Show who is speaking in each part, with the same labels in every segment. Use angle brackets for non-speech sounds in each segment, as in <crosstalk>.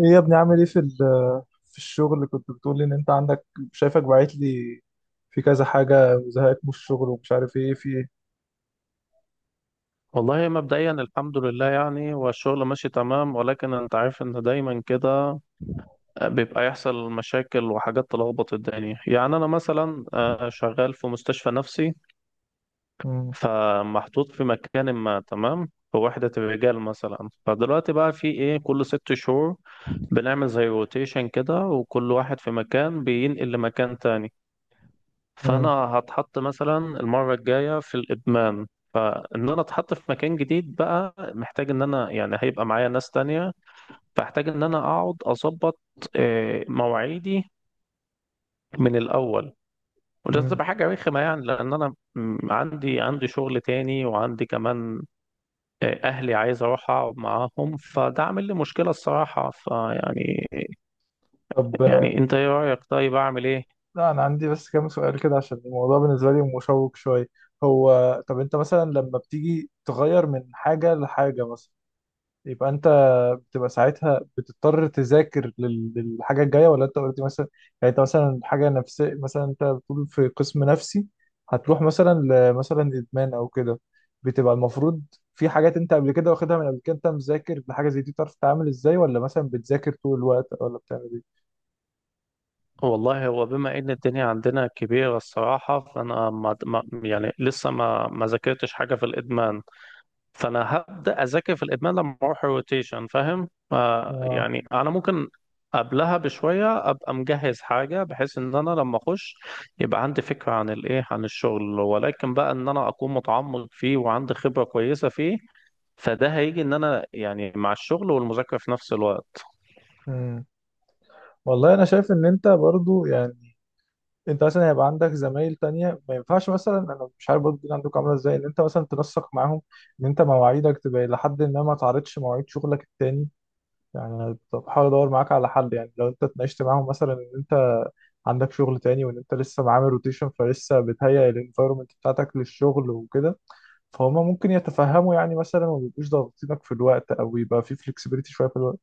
Speaker 1: ايه يا ابني، عامل ايه في في الشغل اللي كنت بتقول لي ان انت عندك؟ شايفك باعت لي في كذا حاجه وزهقت من الشغل ومش عارف ايه في ايه.
Speaker 2: والله مبدئيا، الحمد لله، يعني والشغل ماشي تمام، ولكن انت عارف ان دايما كده بيبقى يحصل مشاكل وحاجات تلخبط الدنيا. يعني انا مثلا شغال في مستشفى نفسي.
Speaker 1: مم.
Speaker 2: فمحطوط في مكان، ما تمام، في وحدة الرجال مثلا. فدلوقتي بقى في ايه، كل 6 شهور بنعمل زي روتيشن كده، وكل واحد في مكان بينقل لمكان تاني. فانا
Speaker 1: مم.
Speaker 2: هتحط مثلا المره الجايه في الادمان. فان انا اتحط في مكان جديد بقى محتاج ان انا يعني هيبقى معايا ناس تانية، فاحتاج ان انا اقعد اظبط مواعيدي من الاول. وده
Speaker 1: مم.
Speaker 2: تبقى حاجه رخمه يعني، لان انا عندي شغل تاني، وعندي كمان اهلي عايز اروح اقعد معاهم، فده عامل لي مشكله الصراحه، فيعني
Speaker 1: طب
Speaker 2: يعني انت ايه رايك؟ طيب اعمل ايه؟
Speaker 1: لا انا عندي بس كام سؤال كده عشان الموضوع بالنسبه لي مشوق شويه. هو، طب انت مثلا لما بتيجي تغير من حاجه لحاجه مثلا، يبقى انت بتبقى ساعتها بتضطر تذاكر للحاجه الجايه، ولا انت قلت مثلا، يعني انت مثلا حاجه نفسيه، مثلا انت بتقول في قسم نفسي هتروح مثلا لمثلا ادمان او كده، بتبقى المفروض في حاجات انت قبل كده واخدها؟ من قبل كده انت مذاكر لحاجه زي دي تعرف تتعامل ازاي، ولا مثلا بتذاكر طول الوقت، ولا بتعمل ايه؟
Speaker 2: والله هو بما ان الدنيا عندنا كبيرة الصراحة، فانا يعني لسه ما ذاكرتش حاجة في الادمان. فانا هبدأ اذاكر في الادمان لما اروح الروتيشن، فاهم؟
Speaker 1: اه.
Speaker 2: يعني انا ممكن قبلها بشوية ابقى مجهز حاجة، بحيث ان انا لما اخش يبقى عندي فكرة عن الايه، عن الشغل، ولكن بقى ان انا اكون متعمق فيه وعندي خبرة كويسة فيه. فده هيجي ان انا يعني مع الشغل والمذاكرة في نفس الوقت.
Speaker 1: امم والله انا شايف ان انت برضو يعني انت مثلا هيبقى عندك زمايل تانية. ما ينفعش مثلا، انا مش عارف برضه الدنيا عندكم عامله ازاي، ان انت مثلا تنسق معاهم ان انت مواعيدك تبقى الى حد ما ما تعرضش مواعيد شغلك التاني. يعني انا بحاول ادور معاك على حل، يعني لو انت اتناقشت معاهم مثلا ان انت عندك شغل تاني وان انت لسه معامل روتيشن فلسه بتهيئ الانفايرمنت بتاعتك للشغل وكده، فهم ممكن يتفهموا يعني مثلا، وما يبقوش ضاغطينك في الوقت او يبقى في فلكسبيتي شويه في الوقت.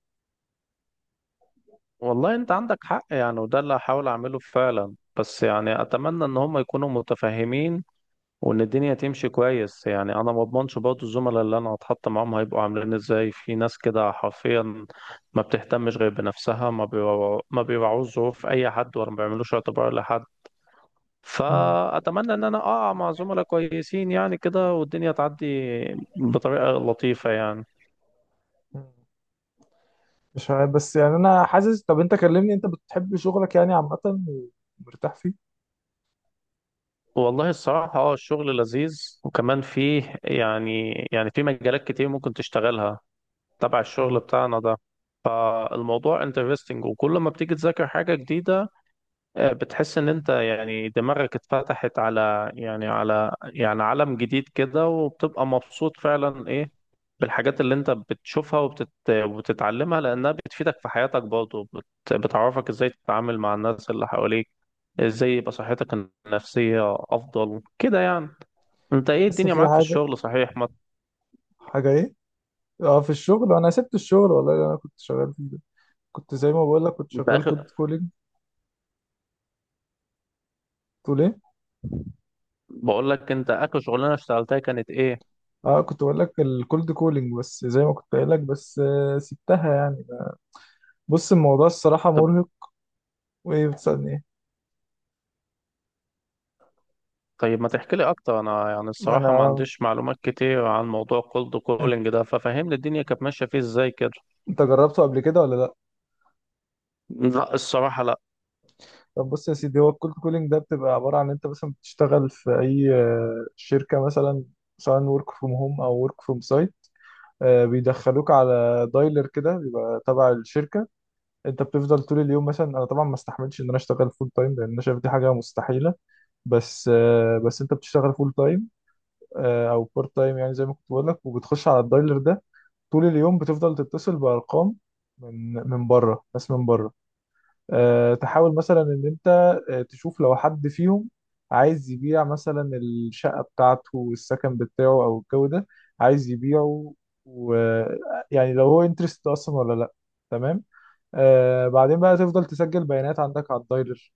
Speaker 2: والله انت عندك حق، يعني وده اللي هحاول اعمله فعلا. بس يعني اتمنى ان هم يكونوا متفاهمين، وان الدنيا تمشي كويس. يعني انا ما اضمنش برضه الزملاء اللي انا هتحط معاهم هيبقوا عاملين ازاي. في ناس كده حرفيا ما بتهتمش غير بنفسها، ما بيراعوش ظروف اي حد، ولا ما بيعملوش اعتبار لحد.
Speaker 1: مم.
Speaker 2: فاتمنى ان انا اقع مع زملاء كويسين يعني كده، والدنيا تعدي بطريقة لطيفة يعني.
Speaker 1: مش عارف بس يعني انا حاسس. طب انت كلمني، انت بتحب شغلك يعني عامه ومرتاح فيه؟
Speaker 2: والله الصراحة الشغل لذيذ، وكمان فيه يعني في مجالات كتير ممكن تشتغلها تبع الشغل
Speaker 1: مم.
Speaker 2: بتاعنا ده. فالموضوع انترستنج، وكل ما بتيجي تذاكر حاجة جديدة بتحس ان انت يعني دماغك اتفتحت على يعني عالم جديد كده، وبتبقى مبسوط فعلا ايه بالحاجات اللي انت بتشوفها وبتتعلمها، لانها بتفيدك في حياتك برضه، بتعرفك ازاي تتعامل مع الناس اللي حواليك، ازاي يبقى صحتك النفسية افضل كده يعني. انت ايه
Speaker 1: بس
Speaker 2: الدنيا
Speaker 1: في
Speaker 2: معاك في
Speaker 1: حاجة.
Speaker 2: الشغل صحيح؟ ما
Speaker 1: حاجة ايه؟ اه، في الشغل، انا سبت الشغل والله اللي انا كنت شغال فيه ده. كنت زي ما بقول لك، كنت
Speaker 2: انت
Speaker 1: شغال كولد
Speaker 2: اخر
Speaker 1: كولينج. تقول ايه؟
Speaker 2: بقول لك انت اخر شغلانة اشتغلتها كانت ايه؟
Speaker 1: اه، كنت بقول لك الكولد كولينج، بس زي ما كنت قايل لك، بس سبتها يعني. بص، الموضوع الصراحة مرهق. وايه، بتسألني ايه؟
Speaker 2: طيب ما تحكي لي اكتر؟ انا يعني
Speaker 1: ما
Speaker 2: الصراحه ما
Speaker 1: انا.
Speaker 2: عنديش معلومات كتير عن موضوع كولد
Speaker 1: انت
Speaker 2: كولينج ده، ففهمني الدنيا كانت ماشيه فيه ازاي كده.
Speaker 1: انت جربته قبل كده ولا لا؟
Speaker 2: لا، الصراحه لا.
Speaker 1: طب بص يا سيدي، هو الكولد كولينج ده بتبقى عبارة عن انت مثلا بتشتغل في اي شركة مثلا، سواء ورك فروم هوم او ورك فروم سايت. بيدخلوك على دايلر كده بيبقى تبع الشركة. انت بتفضل طول اليوم، مثلا انا طبعا ما استحملش ان انا اشتغل فول تايم لان انا شايف دي حاجه مستحيله، بس بس انت بتشتغل فول تايم او بارت تايم يعني زي ما كنت بقول لك، وبتخش على الدايلر ده طول اليوم بتفضل تتصل بارقام، من بره، ناس من بره، تحاول مثلا ان انت تشوف لو حد فيهم عايز يبيع مثلا الشقه بتاعته، السكن بتاعه او الجو ده عايز يبيعه، ويعني لو هو انترست اصلا ولا لا. تمام. آه بعدين بقى تفضل تسجل بيانات عندك على الدايلر،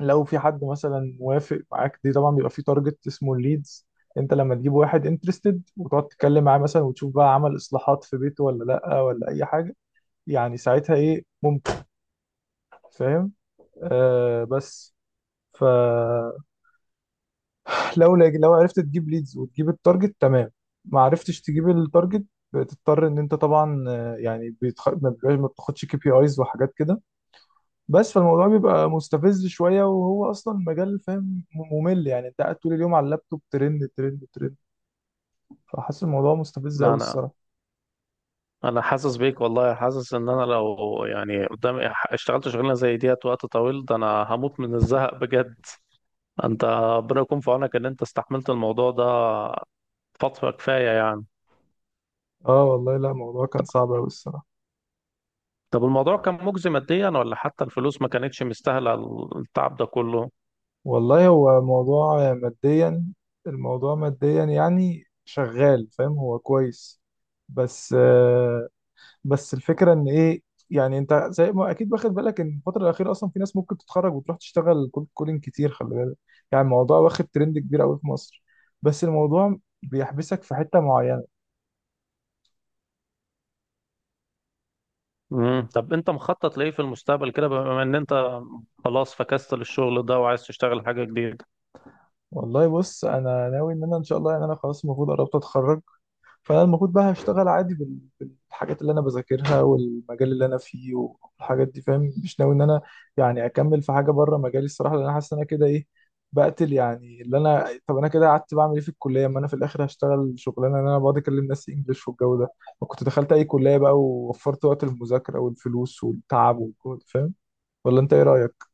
Speaker 1: لو في حد مثلا وافق معاك. دي طبعا بيبقى في تارجت اسمه الليدز، انت لما تجيب واحد انترستد وتقعد تتكلم معاه مثلا وتشوف بقى عمل اصلاحات في بيته ولا لا ولا اي حاجه، يعني ساعتها ايه ممكن، فاهم. آه بس، فلو <laughs> لو عرفت تجيب ليدز وتجيب التارجت تمام، ما عرفتش تجيب التارجت، بتضطر ان انت طبعا يعني بيتخ... ما بيبقاش- ما بتاخدش كي بي ايز وحاجات كده. بس فالموضوع بيبقى مستفز شوية، وهو أصلا مجال فاهم ممل يعني، أنت قاعد طول اليوم على اللابتوب، ترند ترند ترند، فحاسس الموضوع مستفز
Speaker 2: لا،
Speaker 1: أوي
Speaker 2: انا
Speaker 1: الصراحة.
Speaker 2: انا حاسس بيك والله. حاسس ان انا لو يعني قدامي اشتغلت شغلانه زي ديت وقت طويل ده، انا هموت من الزهق بجد. انت ربنا يكون في عونك ان انت استحملت الموضوع ده فتره كفايه يعني.
Speaker 1: آه والله، لا الموضوع كان صعب أوي الصراحة.
Speaker 2: طب الموضوع كان مجزي ماديا، ولا حتى الفلوس ما كانتش مستاهله التعب ده كله؟
Speaker 1: والله هو موضوع ماديا، الموضوع ماديا يعني شغال فاهم هو كويس، بس آه، بس الفكره ان ايه، يعني انت زي ما اكيد واخد بالك ان الفتره الاخيره اصلا في ناس ممكن تتخرج وتروح تشتغل كولد كولينج كتير، خلي بالك، يعني الموضوع واخد ترند كبير قوي في مصر، بس الموضوع بيحبسك في حته معينه.
Speaker 2: مم. طب انت مخطط لايه في المستقبل كده، بما ان انت خلاص فكست للشغل ده وعايز تشتغل حاجة جديدة؟
Speaker 1: والله بص، انا ناوي ان انا ان شاء الله يعني انا خلاص المفروض قربت اتخرج، فانا المفروض بقى هشتغل عادي الحاجات اللي انا بذاكرها والمجال اللي انا فيه والحاجات دي فاهم. مش ناوي ان انا يعني اكمل في حاجه بره مجالي الصراحه، لان انا حاسس ان انا كده ايه بقتل، يعني اللي انا، طب انا كده قعدت بعمل ايه في الكليه، ما انا في الاخر هشتغل شغلانه ان انا بقعد اكلم ناس انجلش والجو ده؟ ما كنت دخلت اي كليه بقى، ووفرت وقت المذاكره والفلوس والتعب والجهد، فاهم. ولا انت ايه رايك؟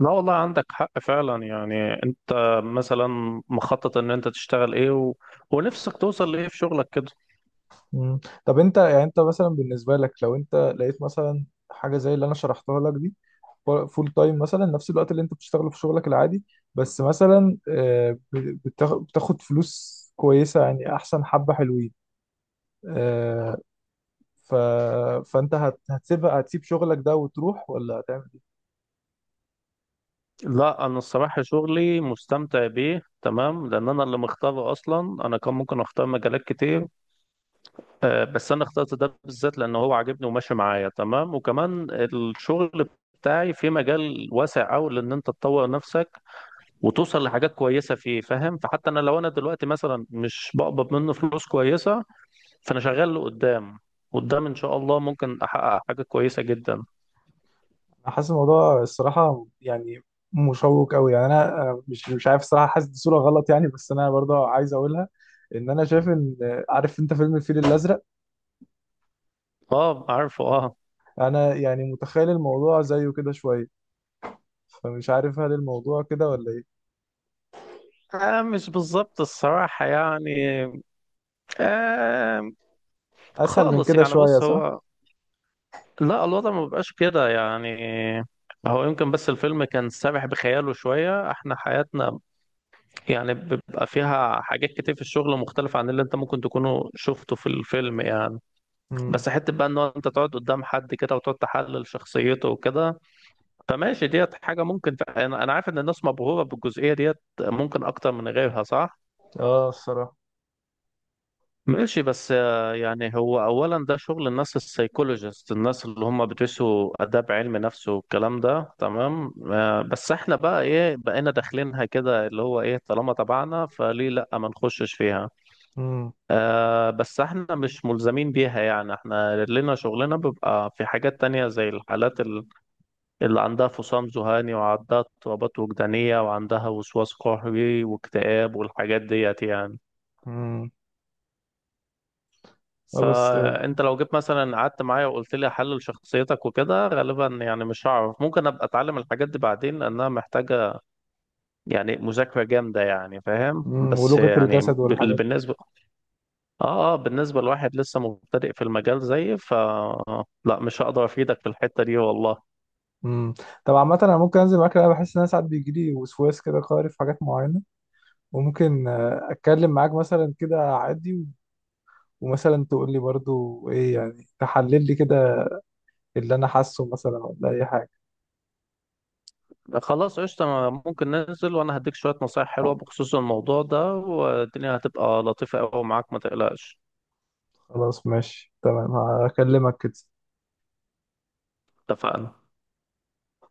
Speaker 2: لا والله عندك حق فعلا. يعني انت مثلا مخطط ان انت تشتغل ايه ونفسك توصل لايه في شغلك كده؟
Speaker 1: مم. طب انت يعني، انت مثلا بالنسبه لك، لو انت لقيت مثلا حاجه زي اللي انا شرحتها لك دي فول تايم مثلا، نفس الوقت اللي انت بتشتغله في شغلك العادي، بس مثلا بتاخد فلوس كويسة، يعني احسن، حبة حلوين آه، ف... فانت هتسيبها، هتسيب شغلك ده وتروح ولا هتعمل ايه؟
Speaker 2: لا، انا الصراحة شغلي مستمتع بيه تمام، لان انا اللي مختاره اصلا. انا كان ممكن اختار مجالات كتير، بس انا اخترت ده بالذات، لان هو عاجبني وماشي معايا تمام. وكمان الشغل بتاعي في مجال واسع قوي، لان انت تطور نفسك وتوصل لحاجات كويسه فيه، فاهم؟ فحتى انا لو انا دلوقتي مثلا مش بقبض منه فلوس كويسه، فانا شغال لقدام. قدام ان شاء الله ممكن احقق حاجه كويسه جدا.
Speaker 1: انا حاسس الموضوع الصراحة يعني مشوق قوي، يعني انا مش عارف الصراحة، حاسس دي صورة غلط يعني، بس انا برضه عايز اقولها ان انا شايف ان عارف انت فيلم الفيل الازرق؟
Speaker 2: اه، عارفه، اه.
Speaker 1: انا يعني متخيل الموضوع زيه كده شوية، فمش عارف هل الموضوع كده ولا ايه.
Speaker 2: آه، مش بالظبط الصراحة يعني. آه.
Speaker 1: اسهل من
Speaker 2: خالص.
Speaker 1: كده
Speaker 2: يعني
Speaker 1: شويه
Speaker 2: بص
Speaker 1: صح؟
Speaker 2: هو، لا الوضع ما بيبقاش كده يعني. هو يمكن بس الفيلم كان سابح بخياله شوية. احنا حياتنا يعني بيبقى فيها حاجات كتير في الشغل مختلفة عن اللي انت ممكن تكونوا شفته في الفيلم يعني.
Speaker 1: امم
Speaker 2: بس حته بقى ان هو انت تقعد قدام حد كده وتقعد تحلل شخصيته وكده، فماشي ديت حاجه ممكن. انا عارف ان الناس مبهوره بالجزئيه ديت، ممكن اكتر من غيرها، صح؟
Speaker 1: اه الصراحه.
Speaker 2: ماشي. بس يعني هو اولا ده شغل الناس السايكولوجيست، الناس اللي هم بيدرسوا اداب علم نفس والكلام ده، تمام؟ بس احنا بقى ايه؟ بقينا داخلينها كده اللي هو ايه، طالما تبعنا فليه لا ما نخشش فيها.
Speaker 1: امم
Speaker 2: آه، بس احنا مش ملزمين بيها يعني. احنا لنا شغلنا، بيبقى في حاجات تانية زي الحالات اللي عندها فصام ذهاني، وعندها اضطرابات وجدانية، وعندها وسواس قهري واكتئاب والحاجات ديت يعني.
Speaker 1: امم آه بس.
Speaker 2: فانت لو جيت مثلا قعدت معايا وقلت لي احلل شخصيتك وكده، غالبا يعني مش هعرف. ممكن ابقى اتعلم الحاجات دي بعدين، لانها محتاجة يعني مذاكرة جامدة يعني، فاهم؟ بس
Speaker 1: ولغه
Speaker 2: يعني
Speaker 1: الجسد والحاجات دي.
Speaker 2: بالنسبة، اه، اه، بالنسبة لواحد لسه مبتدئ في المجال زيي، لا، مش هقدر افيدك في الحتة دي والله.
Speaker 1: امم طب عامه، انا ممكن انزل معاك، انا بحس ان انا ساعات بيجي لي وسواس كده قهري في حاجات معينه. وممكن اتكلم معاك مثلا كده عادي ومثلا تقول لي برضو ايه يعني، تحلل لي كده اللي انا حاسه مثلا ولا اي حاجه.
Speaker 2: خلاص قشطة، ممكن ننزل، وأنا هديك شوية نصايح حلوة بخصوص الموضوع ده، والدنيا هتبقى لطيفة أوي معاك، ما تقلقش.
Speaker 1: خلاص ماشي تمام، هكلمك كده.
Speaker 2: اتفقنا.